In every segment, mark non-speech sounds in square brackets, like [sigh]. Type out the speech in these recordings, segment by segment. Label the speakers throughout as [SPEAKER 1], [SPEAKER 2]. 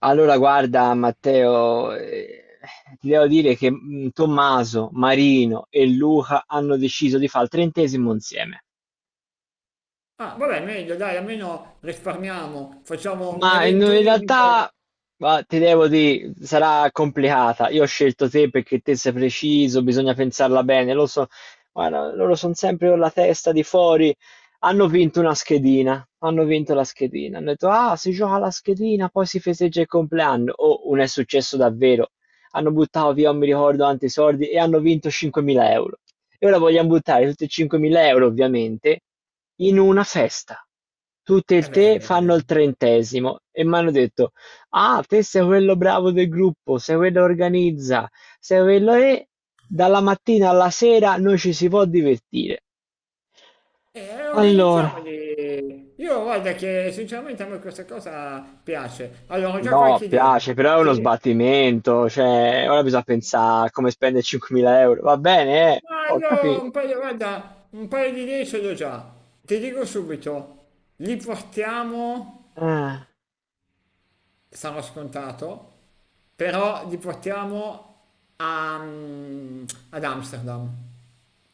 [SPEAKER 1] Allora, guarda, Matteo, ti devo dire che Tommaso, Marino e Luca hanno deciso di fare il 30° insieme.
[SPEAKER 2] Ah, vabbè, meglio, dai, almeno risparmiamo, facciamo un
[SPEAKER 1] Ma in
[SPEAKER 2] evento
[SPEAKER 1] in
[SPEAKER 2] unico.
[SPEAKER 1] realtà, ma ti devo dire, sarà complicata. Io ho scelto te perché te sei preciso, bisogna pensarla bene. Lo so, guarda, loro sono sempre con la testa di fuori. Hanno vinto una schedina, hanno vinto la schedina. Hanno detto, ah, si gioca la schedina, poi si festeggia il compleanno. Oh, non è successo davvero. Hanno buttato via, non mi ricordo, tanti soldi e hanno vinto 5.000 euro. E ora vogliamo buttare tutti i 5.000 euro, ovviamente, in una festa. Tutte e
[SPEAKER 2] E beh,
[SPEAKER 1] tre fanno il 30° e mi hanno detto: ah, te sei quello bravo del gruppo, sei quello che organizza, sei quello e dalla mattina alla sera noi ci si può divertire. Allora,
[SPEAKER 2] organizziamoli. Io guarda che sinceramente a me questa cosa piace. Allora, ho già
[SPEAKER 1] no,
[SPEAKER 2] qualche idea.
[SPEAKER 1] piace, però è uno
[SPEAKER 2] Ti-
[SPEAKER 1] sbattimento, cioè, ora bisogna pensare a come spendere 5.000 euro. Va bene, eh?
[SPEAKER 2] Ma
[SPEAKER 1] Ho
[SPEAKER 2] io
[SPEAKER 1] capito.
[SPEAKER 2] un paio, guarda, un paio di idee ce l'ho già. Ti dico subito, li portiamo,
[SPEAKER 1] Ah,
[SPEAKER 2] sarà scontato, però li portiamo a- mm, ad Amsterdam,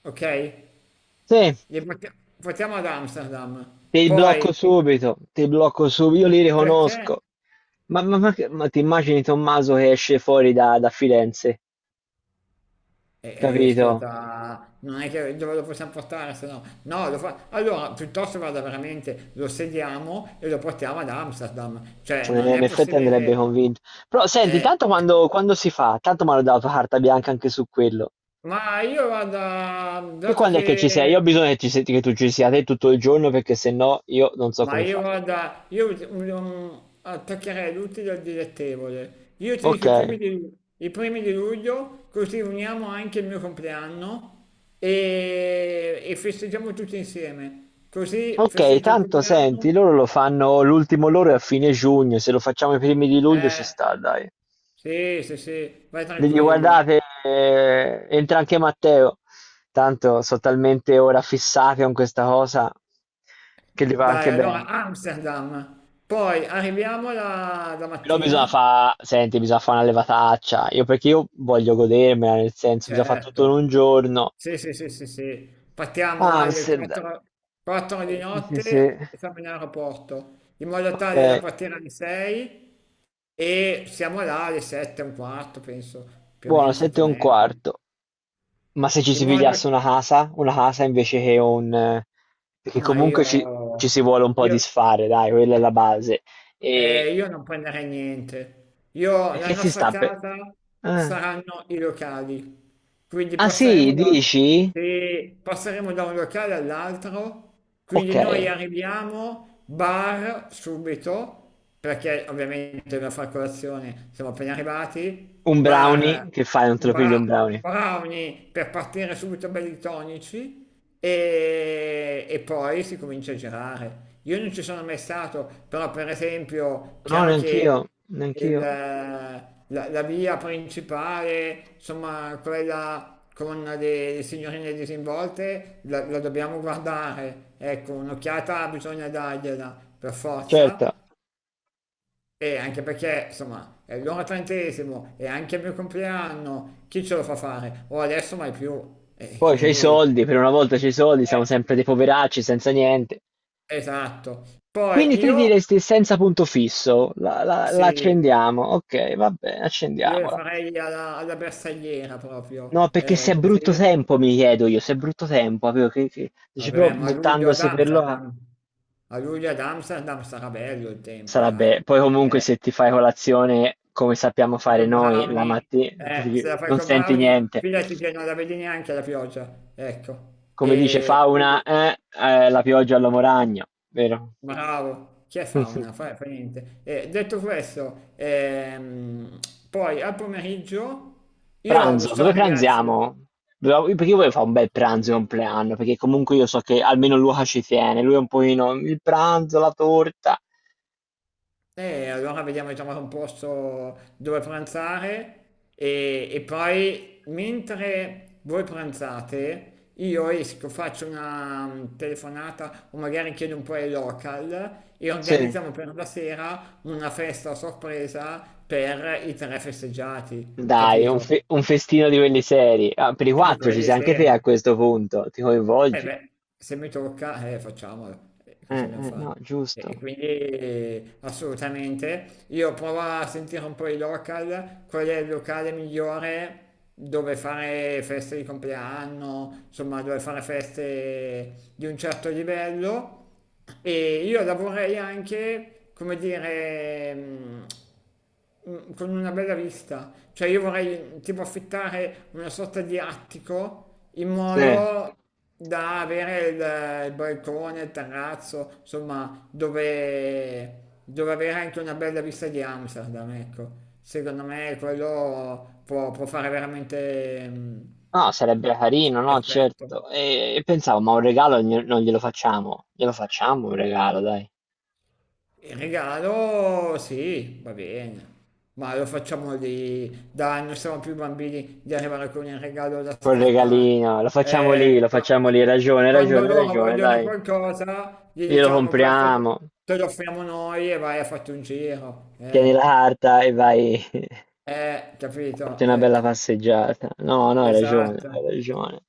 [SPEAKER 2] ok?
[SPEAKER 1] sì,
[SPEAKER 2] Li porti- portiamo ad Amsterdam.
[SPEAKER 1] ti blocco
[SPEAKER 2] Poi,
[SPEAKER 1] subito, ti blocco subito, io li
[SPEAKER 2] perché?
[SPEAKER 1] riconosco. Ma ti immagini Tommaso che esce fuori da Firenze,
[SPEAKER 2] E,
[SPEAKER 1] capito?
[SPEAKER 2] ascolta, non è che dove lo possiamo portare, se no... No, lo fa... Allora, piuttosto vada veramente, lo sediamo e lo portiamo ad Amsterdam. Cioè, non
[SPEAKER 1] In
[SPEAKER 2] è
[SPEAKER 1] effetti
[SPEAKER 2] possibile
[SPEAKER 1] andrebbe
[SPEAKER 2] che...
[SPEAKER 1] convinto. Però senti,
[SPEAKER 2] eh,
[SPEAKER 1] tanto quando si fa, tanto mi hanno dato carta bianca anche su quello.
[SPEAKER 2] Ma io vado,
[SPEAKER 1] Te
[SPEAKER 2] dato
[SPEAKER 1] quando è che ci sei? Io ho
[SPEAKER 2] che...
[SPEAKER 1] bisogno che, ci se- che tu ci sia te tutto il giorno perché se no io non so
[SPEAKER 2] Ma
[SPEAKER 1] come fa.
[SPEAKER 2] io guarda, io attaccherei l'utile al dilettevole. Io ti
[SPEAKER 1] Ok,
[SPEAKER 2] dico i primi di luglio, così uniamo anche il mio compleanno e festeggiamo tutti insieme. Così
[SPEAKER 1] ok,
[SPEAKER 2] festeggio il
[SPEAKER 1] tanto senti,
[SPEAKER 2] compleanno.
[SPEAKER 1] loro lo fanno l'ultimo loro è a fine giugno, se lo facciamo i primi di luglio ci
[SPEAKER 2] Eh,
[SPEAKER 1] sta, dai.
[SPEAKER 2] sì, sì, sì, vai
[SPEAKER 1] Le dico,
[SPEAKER 2] tranquillo.
[SPEAKER 1] guardate, entra anche Matteo. Tanto sono talmente ora fissati con questa cosa che gli va
[SPEAKER 2] Dai,
[SPEAKER 1] anche
[SPEAKER 2] allora
[SPEAKER 1] bene.
[SPEAKER 2] Amsterdam. Poi arriviamo la
[SPEAKER 1] Però bisogna
[SPEAKER 2] mattina.
[SPEAKER 1] fare, senti, bisogna fare una levataccia. Io perché io voglio godermela, nel senso, bisogna fare tutto in
[SPEAKER 2] Certo,
[SPEAKER 1] un giorno.
[SPEAKER 2] sì, sì, sì, sì, sì. Partiamo alle
[SPEAKER 1] Amsterdam.
[SPEAKER 2] 4, 4 di
[SPEAKER 1] Sì, sì, sì.
[SPEAKER 2] notte e siamo in aeroporto, in modo
[SPEAKER 1] Ok,
[SPEAKER 2] tale da partire alle 6 e siamo là alle 7 e un quarto, penso, più o
[SPEAKER 1] buono,
[SPEAKER 2] meno 7
[SPEAKER 1] sette
[SPEAKER 2] e
[SPEAKER 1] e un
[SPEAKER 2] mezza.
[SPEAKER 1] quarto. Ma se ci
[SPEAKER 2] In
[SPEAKER 1] si
[SPEAKER 2] modo
[SPEAKER 1] pigliasse
[SPEAKER 2] che...
[SPEAKER 1] una casa invece che un... perché
[SPEAKER 2] Ma
[SPEAKER 1] comunque ci
[SPEAKER 2] io,
[SPEAKER 1] si vuole un po'
[SPEAKER 2] io,
[SPEAKER 1] disfare, dai, quella è la base. E
[SPEAKER 2] Io non prenderei niente. Io, la
[SPEAKER 1] perché si
[SPEAKER 2] nostra
[SPEAKER 1] sta per...
[SPEAKER 2] casa
[SPEAKER 1] Ah.
[SPEAKER 2] saranno i locali. Quindi
[SPEAKER 1] Ah, sì,
[SPEAKER 2] passeremo da,
[SPEAKER 1] dici?
[SPEAKER 2] se passeremo da un locale all'altro. Quindi noi
[SPEAKER 1] Okay.
[SPEAKER 2] arriviamo, bar subito, perché ovviamente dobbiamo fare colazione, siamo appena arrivati.
[SPEAKER 1] Un brownie,
[SPEAKER 2] Bar,
[SPEAKER 1] che fai, non te lo pigli
[SPEAKER 2] bra-
[SPEAKER 1] un brownie?
[SPEAKER 2] brownie per partire subito belli tonici e poi si comincia a girare. Io non ci sono mai stato, però per esempio,
[SPEAKER 1] No,
[SPEAKER 2] chiaro
[SPEAKER 1] neanch'io,
[SPEAKER 2] che il-
[SPEAKER 1] neanch'io.
[SPEAKER 2] la, la via principale, insomma, quella con le signorine disinvolte, la dobbiamo guardare. Ecco, un'occhiata bisogna dargliela per
[SPEAKER 1] Certo,
[SPEAKER 2] forza. E anche perché, insomma, è l'ora 30º e anche il mio compleanno, chi ce lo fa fare? O adesso mai più. E
[SPEAKER 1] poi c'hai i
[SPEAKER 2] quindi...
[SPEAKER 1] soldi, per una volta c'hai i soldi, siamo
[SPEAKER 2] eh,
[SPEAKER 1] sempre dei poveracci senza niente.
[SPEAKER 2] Esatto. Poi
[SPEAKER 1] Quindi te
[SPEAKER 2] io,
[SPEAKER 1] diresti senza punto fisso, la
[SPEAKER 2] sì,
[SPEAKER 1] accendiamo, okay, va bene,
[SPEAKER 2] io le
[SPEAKER 1] accendiamola.
[SPEAKER 2] farei alla bersagliera
[SPEAKER 1] No,
[SPEAKER 2] proprio,
[SPEAKER 1] perché se è brutto
[SPEAKER 2] così,
[SPEAKER 1] tempo mi chiedo io, se è brutto tempo, capito, che dici però
[SPEAKER 2] vabbè, ma a luglio ad
[SPEAKER 1] buttandosi per lo a
[SPEAKER 2] Amsterdam, a luglio ad Amsterdam sarà bello il tempo,
[SPEAKER 1] sarebbe
[SPEAKER 2] dai.
[SPEAKER 1] poi comunque
[SPEAKER 2] Eh,
[SPEAKER 1] se ti fai colazione come sappiamo
[SPEAKER 2] e
[SPEAKER 1] fare
[SPEAKER 2] con
[SPEAKER 1] noi la
[SPEAKER 2] Brownie,
[SPEAKER 1] mattina,
[SPEAKER 2] se la fai
[SPEAKER 1] non
[SPEAKER 2] con
[SPEAKER 1] senti
[SPEAKER 2] Brownie,
[SPEAKER 1] niente.
[SPEAKER 2] fidati che non la vedi neanche la pioggia, ecco.
[SPEAKER 1] Come dice
[SPEAKER 2] E
[SPEAKER 1] Fauna,
[SPEAKER 2] quindi,
[SPEAKER 1] la pioggia all'uomo ragno, vero?
[SPEAKER 2] bravo, chi è fauna?
[SPEAKER 1] [laughs]
[SPEAKER 2] Fa niente. Detto questo, poi al pomeriggio, io lo
[SPEAKER 1] Pranzo,
[SPEAKER 2] so,
[SPEAKER 1] dove
[SPEAKER 2] ragazzi.
[SPEAKER 1] pranziamo? Perché io voglio fare un bel pranzo di compleanno, perché comunque io so che almeno Luca ci tiene, lui è un pochino il pranzo, la torta.
[SPEAKER 2] E allora vediamo di trovare un posto dove pranzare e poi mentre voi pranzate io esco, faccio una telefonata o magari chiedo un po' ai local e
[SPEAKER 1] Sì.
[SPEAKER 2] organizziamo per la sera una festa a sorpresa per i tre festeggiati,
[SPEAKER 1] Dai,
[SPEAKER 2] capito?
[SPEAKER 1] un festino di quelli seri. Ah, per i
[SPEAKER 2] Quindi
[SPEAKER 1] quattro ci
[SPEAKER 2] quelli
[SPEAKER 1] sei anche te a
[SPEAKER 2] seri.
[SPEAKER 1] questo punto, ti
[SPEAKER 2] Eh
[SPEAKER 1] coinvolgi?
[SPEAKER 2] beh, se mi tocca, facciamolo. Cosa dobbiamo fare?
[SPEAKER 1] No,
[SPEAKER 2] E
[SPEAKER 1] giusto.
[SPEAKER 2] quindi assolutamente, io provo a sentire un po' i local, qual è il locale migliore dove fare feste di compleanno, insomma dove fare feste di un certo livello e io lavorerei anche, come dire, con una bella vista, cioè io vorrei tipo affittare una sorta di attico in
[SPEAKER 1] Sì.
[SPEAKER 2] modo da avere il balcone, il terrazzo, insomma, dove avere anche una bella vista di Amsterdam, ecco. Secondo me quello può fare veramente
[SPEAKER 1] No, sarebbe carino, no,
[SPEAKER 2] effetto.
[SPEAKER 1] certo. E pensavo, ma un regalo non glielo facciamo? Glielo facciamo un regalo, dai.
[SPEAKER 2] Il regalo, sì, va bene, ma lo facciamo lì, dai, non siamo più bambini di arrivare con il regalo da
[SPEAKER 1] Col
[SPEAKER 2] scartare.
[SPEAKER 1] regalino, lo facciamo lì,
[SPEAKER 2] Eh,
[SPEAKER 1] lo
[SPEAKER 2] qua-
[SPEAKER 1] facciamo lì. Hai ragione, hai
[SPEAKER 2] quando
[SPEAKER 1] ragione, hai
[SPEAKER 2] loro
[SPEAKER 1] ragione,
[SPEAKER 2] vogliono
[SPEAKER 1] dai.
[SPEAKER 2] qualcosa, gli
[SPEAKER 1] Glielo
[SPEAKER 2] diciamo questo te
[SPEAKER 1] compriamo.
[SPEAKER 2] te lo offriamo noi e vai a farti un giro.
[SPEAKER 1] Tieni la carta e vai. [laughs] Fate
[SPEAKER 2] Capito?
[SPEAKER 1] una bella passeggiata. No, no, hai ragione, hai
[SPEAKER 2] Esatto,
[SPEAKER 1] ragione.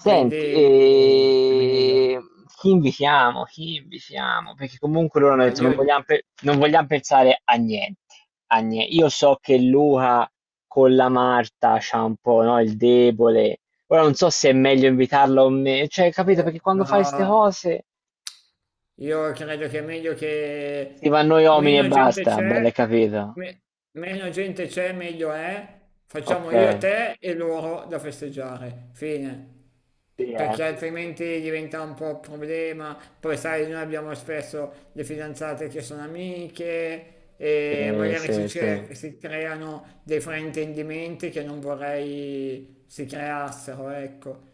[SPEAKER 2] quindi è meglio.
[SPEAKER 1] e... chi invitiamo? Chi invitiamo? Perché comunque loro hanno
[SPEAKER 2] Ma
[SPEAKER 1] detto
[SPEAKER 2] io,
[SPEAKER 1] non
[SPEAKER 2] eh,
[SPEAKER 1] vogliamo, non vogliamo pensare a niente, io so che Luca con la Marta c'ha un po', no, il debole. Ora non so se è meglio invitarlo o meno. Cioè, capito? Perché quando fai queste
[SPEAKER 2] però,
[SPEAKER 1] cose
[SPEAKER 2] Io credo che è meglio
[SPEAKER 1] si
[SPEAKER 2] che
[SPEAKER 1] va a noi uomini e
[SPEAKER 2] meno gente
[SPEAKER 1] basta. Bello, hai
[SPEAKER 2] c'è,
[SPEAKER 1] capito?
[SPEAKER 2] me- meno gente c'è, meglio è. Facciamo
[SPEAKER 1] Ok.
[SPEAKER 2] io, te e loro da festeggiare. Fine.
[SPEAKER 1] Sì, eh.
[SPEAKER 2] Perché altrimenti diventa un po' un problema. Poi sai, noi abbiamo spesso le fidanzate che sono amiche e
[SPEAKER 1] Sì,
[SPEAKER 2] magari si,
[SPEAKER 1] sì, sì.
[SPEAKER 2] cer- si creano dei fraintendimenti che non vorrei si creassero, ecco.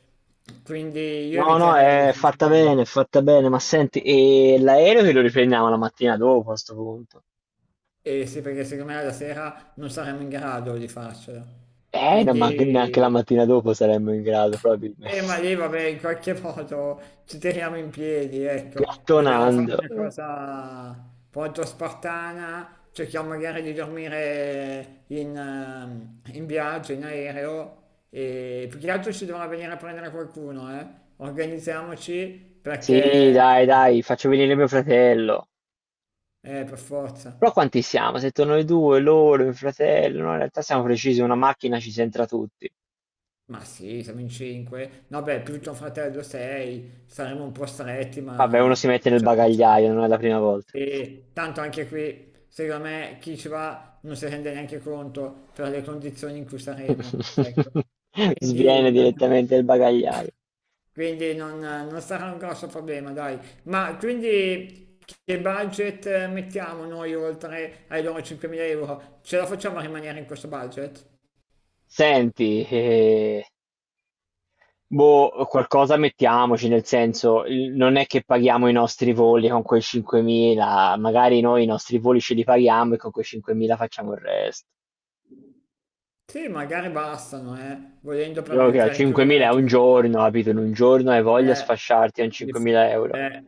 [SPEAKER 2] Quindi io
[SPEAKER 1] No, no,
[SPEAKER 2] eviterei
[SPEAKER 1] è
[SPEAKER 2] sinceramente.
[SPEAKER 1] fatta bene, ma senti, e l'aereo che lo riprendiamo la mattina dopo a questo punto?
[SPEAKER 2] E sì, perché secondo me la sera non saremmo in grado di farcela.
[SPEAKER 1] No, ma neanche la
[SPEAKER 2] Quindi,
[SPEAKER 1] mattina dopo saremmo in grado, probabilmente.
[SPEAKER 2] ma lì
[SPEAKER 1] [laughs]
[SPEAKER 2] vabbè, in qualche [laughs] modo ci tiriamo in piedi, ecco. Dobbiamo fare
[SPEAKER 1] Gattonando.
[SPEAKER 2] una cosa molto spartana, cerchiamo magari di dormire in viaggio, in aereo, e più che altro ci dovrà venire a prendere qualcuno, eh. Organizziamoci
[SPEAKER 1] Sì,
[SPEAKER 2] perché,
[SPEAKER 1] dai, dai, faccio venire mio fratello.
[SPEAKER 2] per forza.
[SPEAKER 1] Però quanti siamo? Se torno noi due, loro, il fratello, no, in realtà siamo precisi, una macchina ci entra tutti.
[SPEAKER 2] Ma sì, siamo in 5. No, beh, più tuo fratello 6, saremo un po' stretti,
[SPEAKER 1] Vabbè, uno si
[SPEAKER 2] ma
[SPEAKER 1] mette nel
[SPEAKER 2] ce la facciamo.
[SPEAKER 1] bagagliaio, non è la prima volta.
[SPEAKER 2] E tanto anche qui, secondo me, chi ci va non si rende neanche conto per le condizioni in cui saremo. Ecco.
[SPEAKER 1] [laughs]
[SPEAKER 2] Quindi,
[SPEAKER 1] Sviene
[SPEAKER 2] non,
[SPEAKER 1] direttamente il bagagliaio.
[SPEAKER 2] quindi non sarà un grosso problema, dai. Ma quindi che budget mettiamo noi oltre ai loro 5.000 euro? Ce la facciamo a rimanere in questo budget?
[SPEAKER 1] Senti, boh, qualcosa mettiamoci, nel senso, non è che paghiamo i nostri voli con quei 5.000, magari noi i nostri voli ce li paghiamo e con quei 5.000 facciamo il resto.
[SPEAKER 2] Sì, magari bastano, volendo
[SPEAKER 1] Io
[SPEAKER 2] per,
[SPEAKER 1] che ho
[SPEAKER 2] per
[SPEAKER 1] 5.000
[SPEAKER 2] includere
[SPEAKER 1] è un
[SPEAKER 2] tutti.
[SPEAKER 1] giorno, capito? In un giorno hai voglia di
[SPEAKER 2] Eh,
[SPEAKER 1] sfasciarti con
[SPEAKER 2] dif-
[SPEAKER 1] 5.000 euro.
[SPEAKER 2] eh,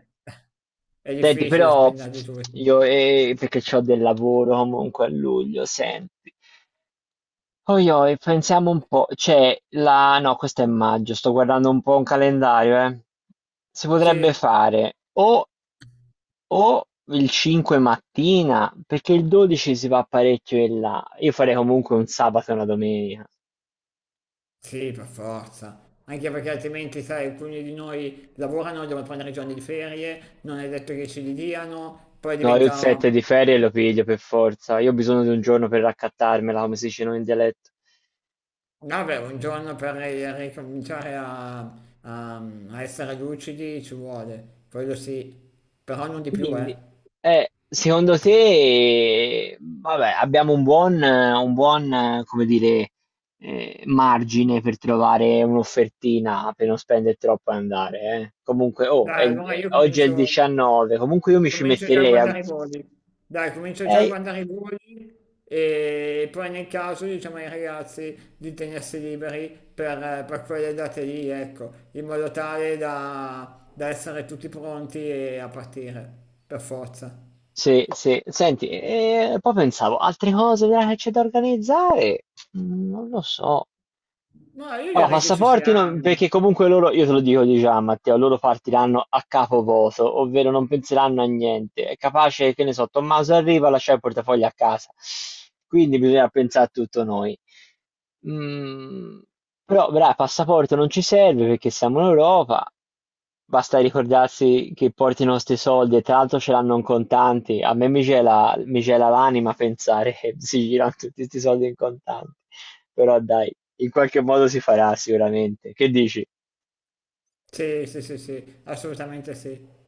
[SPEAKER 2] è
[SPEAKER 1] Senti,
[SPEAKER 2] difficile
[SPEAKER 1] però
[SPEAKER 2] spenderli tutti.
[SPEAKER 1] io, perché ho del lavoro comunque a luglio, senti. Oi, oi, pensiamo un po', cioè, la... no, questo è maggio, sto guardando un po' un calendario, eh. Si potrebbe
[SPEAKER 2] Sì,
[SPEAKER 1] fare o il 5 mattina, perché il 12 si va parecchio in là. Io farei comunque un sabato e una domenica.
[SPEAKER 2] sì, per forza. Anche perché altrimenti, sai, alcuni di noi lavorano, devono prendere i giorni di ferie, non è detto che ce li diano, poi
[SPEAKER 1] No, io il
[SPEAKER 2] diventa,
[SPEAKER 1] 7 di ferie lo piglio per forza. Io ho bisogno di un giorno per raccattarmela, come si dice noi in dialetto.
[SPEAKER 2] vabbè, un giorno per ricominciare a essere lucidi ci vuole, quello sì, però non di più, eh.
[SPEAKER 1] Quindi, secondo te, vabbè, abbiamo un buon, come dire, margine per trovare un'offertina per non spendere troppo e andare. Comunque, oh,
[SPEAKER 2] Dai,
[SPEAKER 1] oggi è il 19, comunque io mi ci
[SPEAKER 2] comincio già a
[SPEAKER 1] metterei a...
[SPEAKER 2] guardare i voli. Dai, comincio già a
[SPEAKER 1] Eh,
[SPEAKER 2] guardare i voli e poi nel caso diciamo ai ragazzi di tenersi liberi per quelle date lì, ecco, in modo tale da essere tutti pronti e a partire, per forza.
[SPEAKER 1] sì, sì. Senti, e poi pensavo, altre cose che c'è da organizzare? Non lo so.
[SPEAKER 2] No, io
[SPEAKER 1] Allora,
[SPEAKER 2] direi che ci
[SPEAKER 1] passaporti no,
[SPEAKER 2] siamo.
[SPEAKER 1] perché comunque loro, io te lo dico di già, Matteo, loro partiranno a capo voto, ovvero non penseranno a niente. È capace, che ne so, Tommaso arriva, lascia il portafoglio a casa. Quindi bisogna pensare a tutto noi. Mm, però, bravo, passaporto non ci serve perché siamo in Europa. Basta ricordarsi che porti i nostri soldi e tra l'altro ce l'hanno in contanti. A me mi gela l'anima pensare che si girano tutti questi soldi in contanti. Però dai, in qualche modo si farà sicuramente. Che dici?
[SPEAKER 2] Sì, sì, sì, sì, assolutamente sì.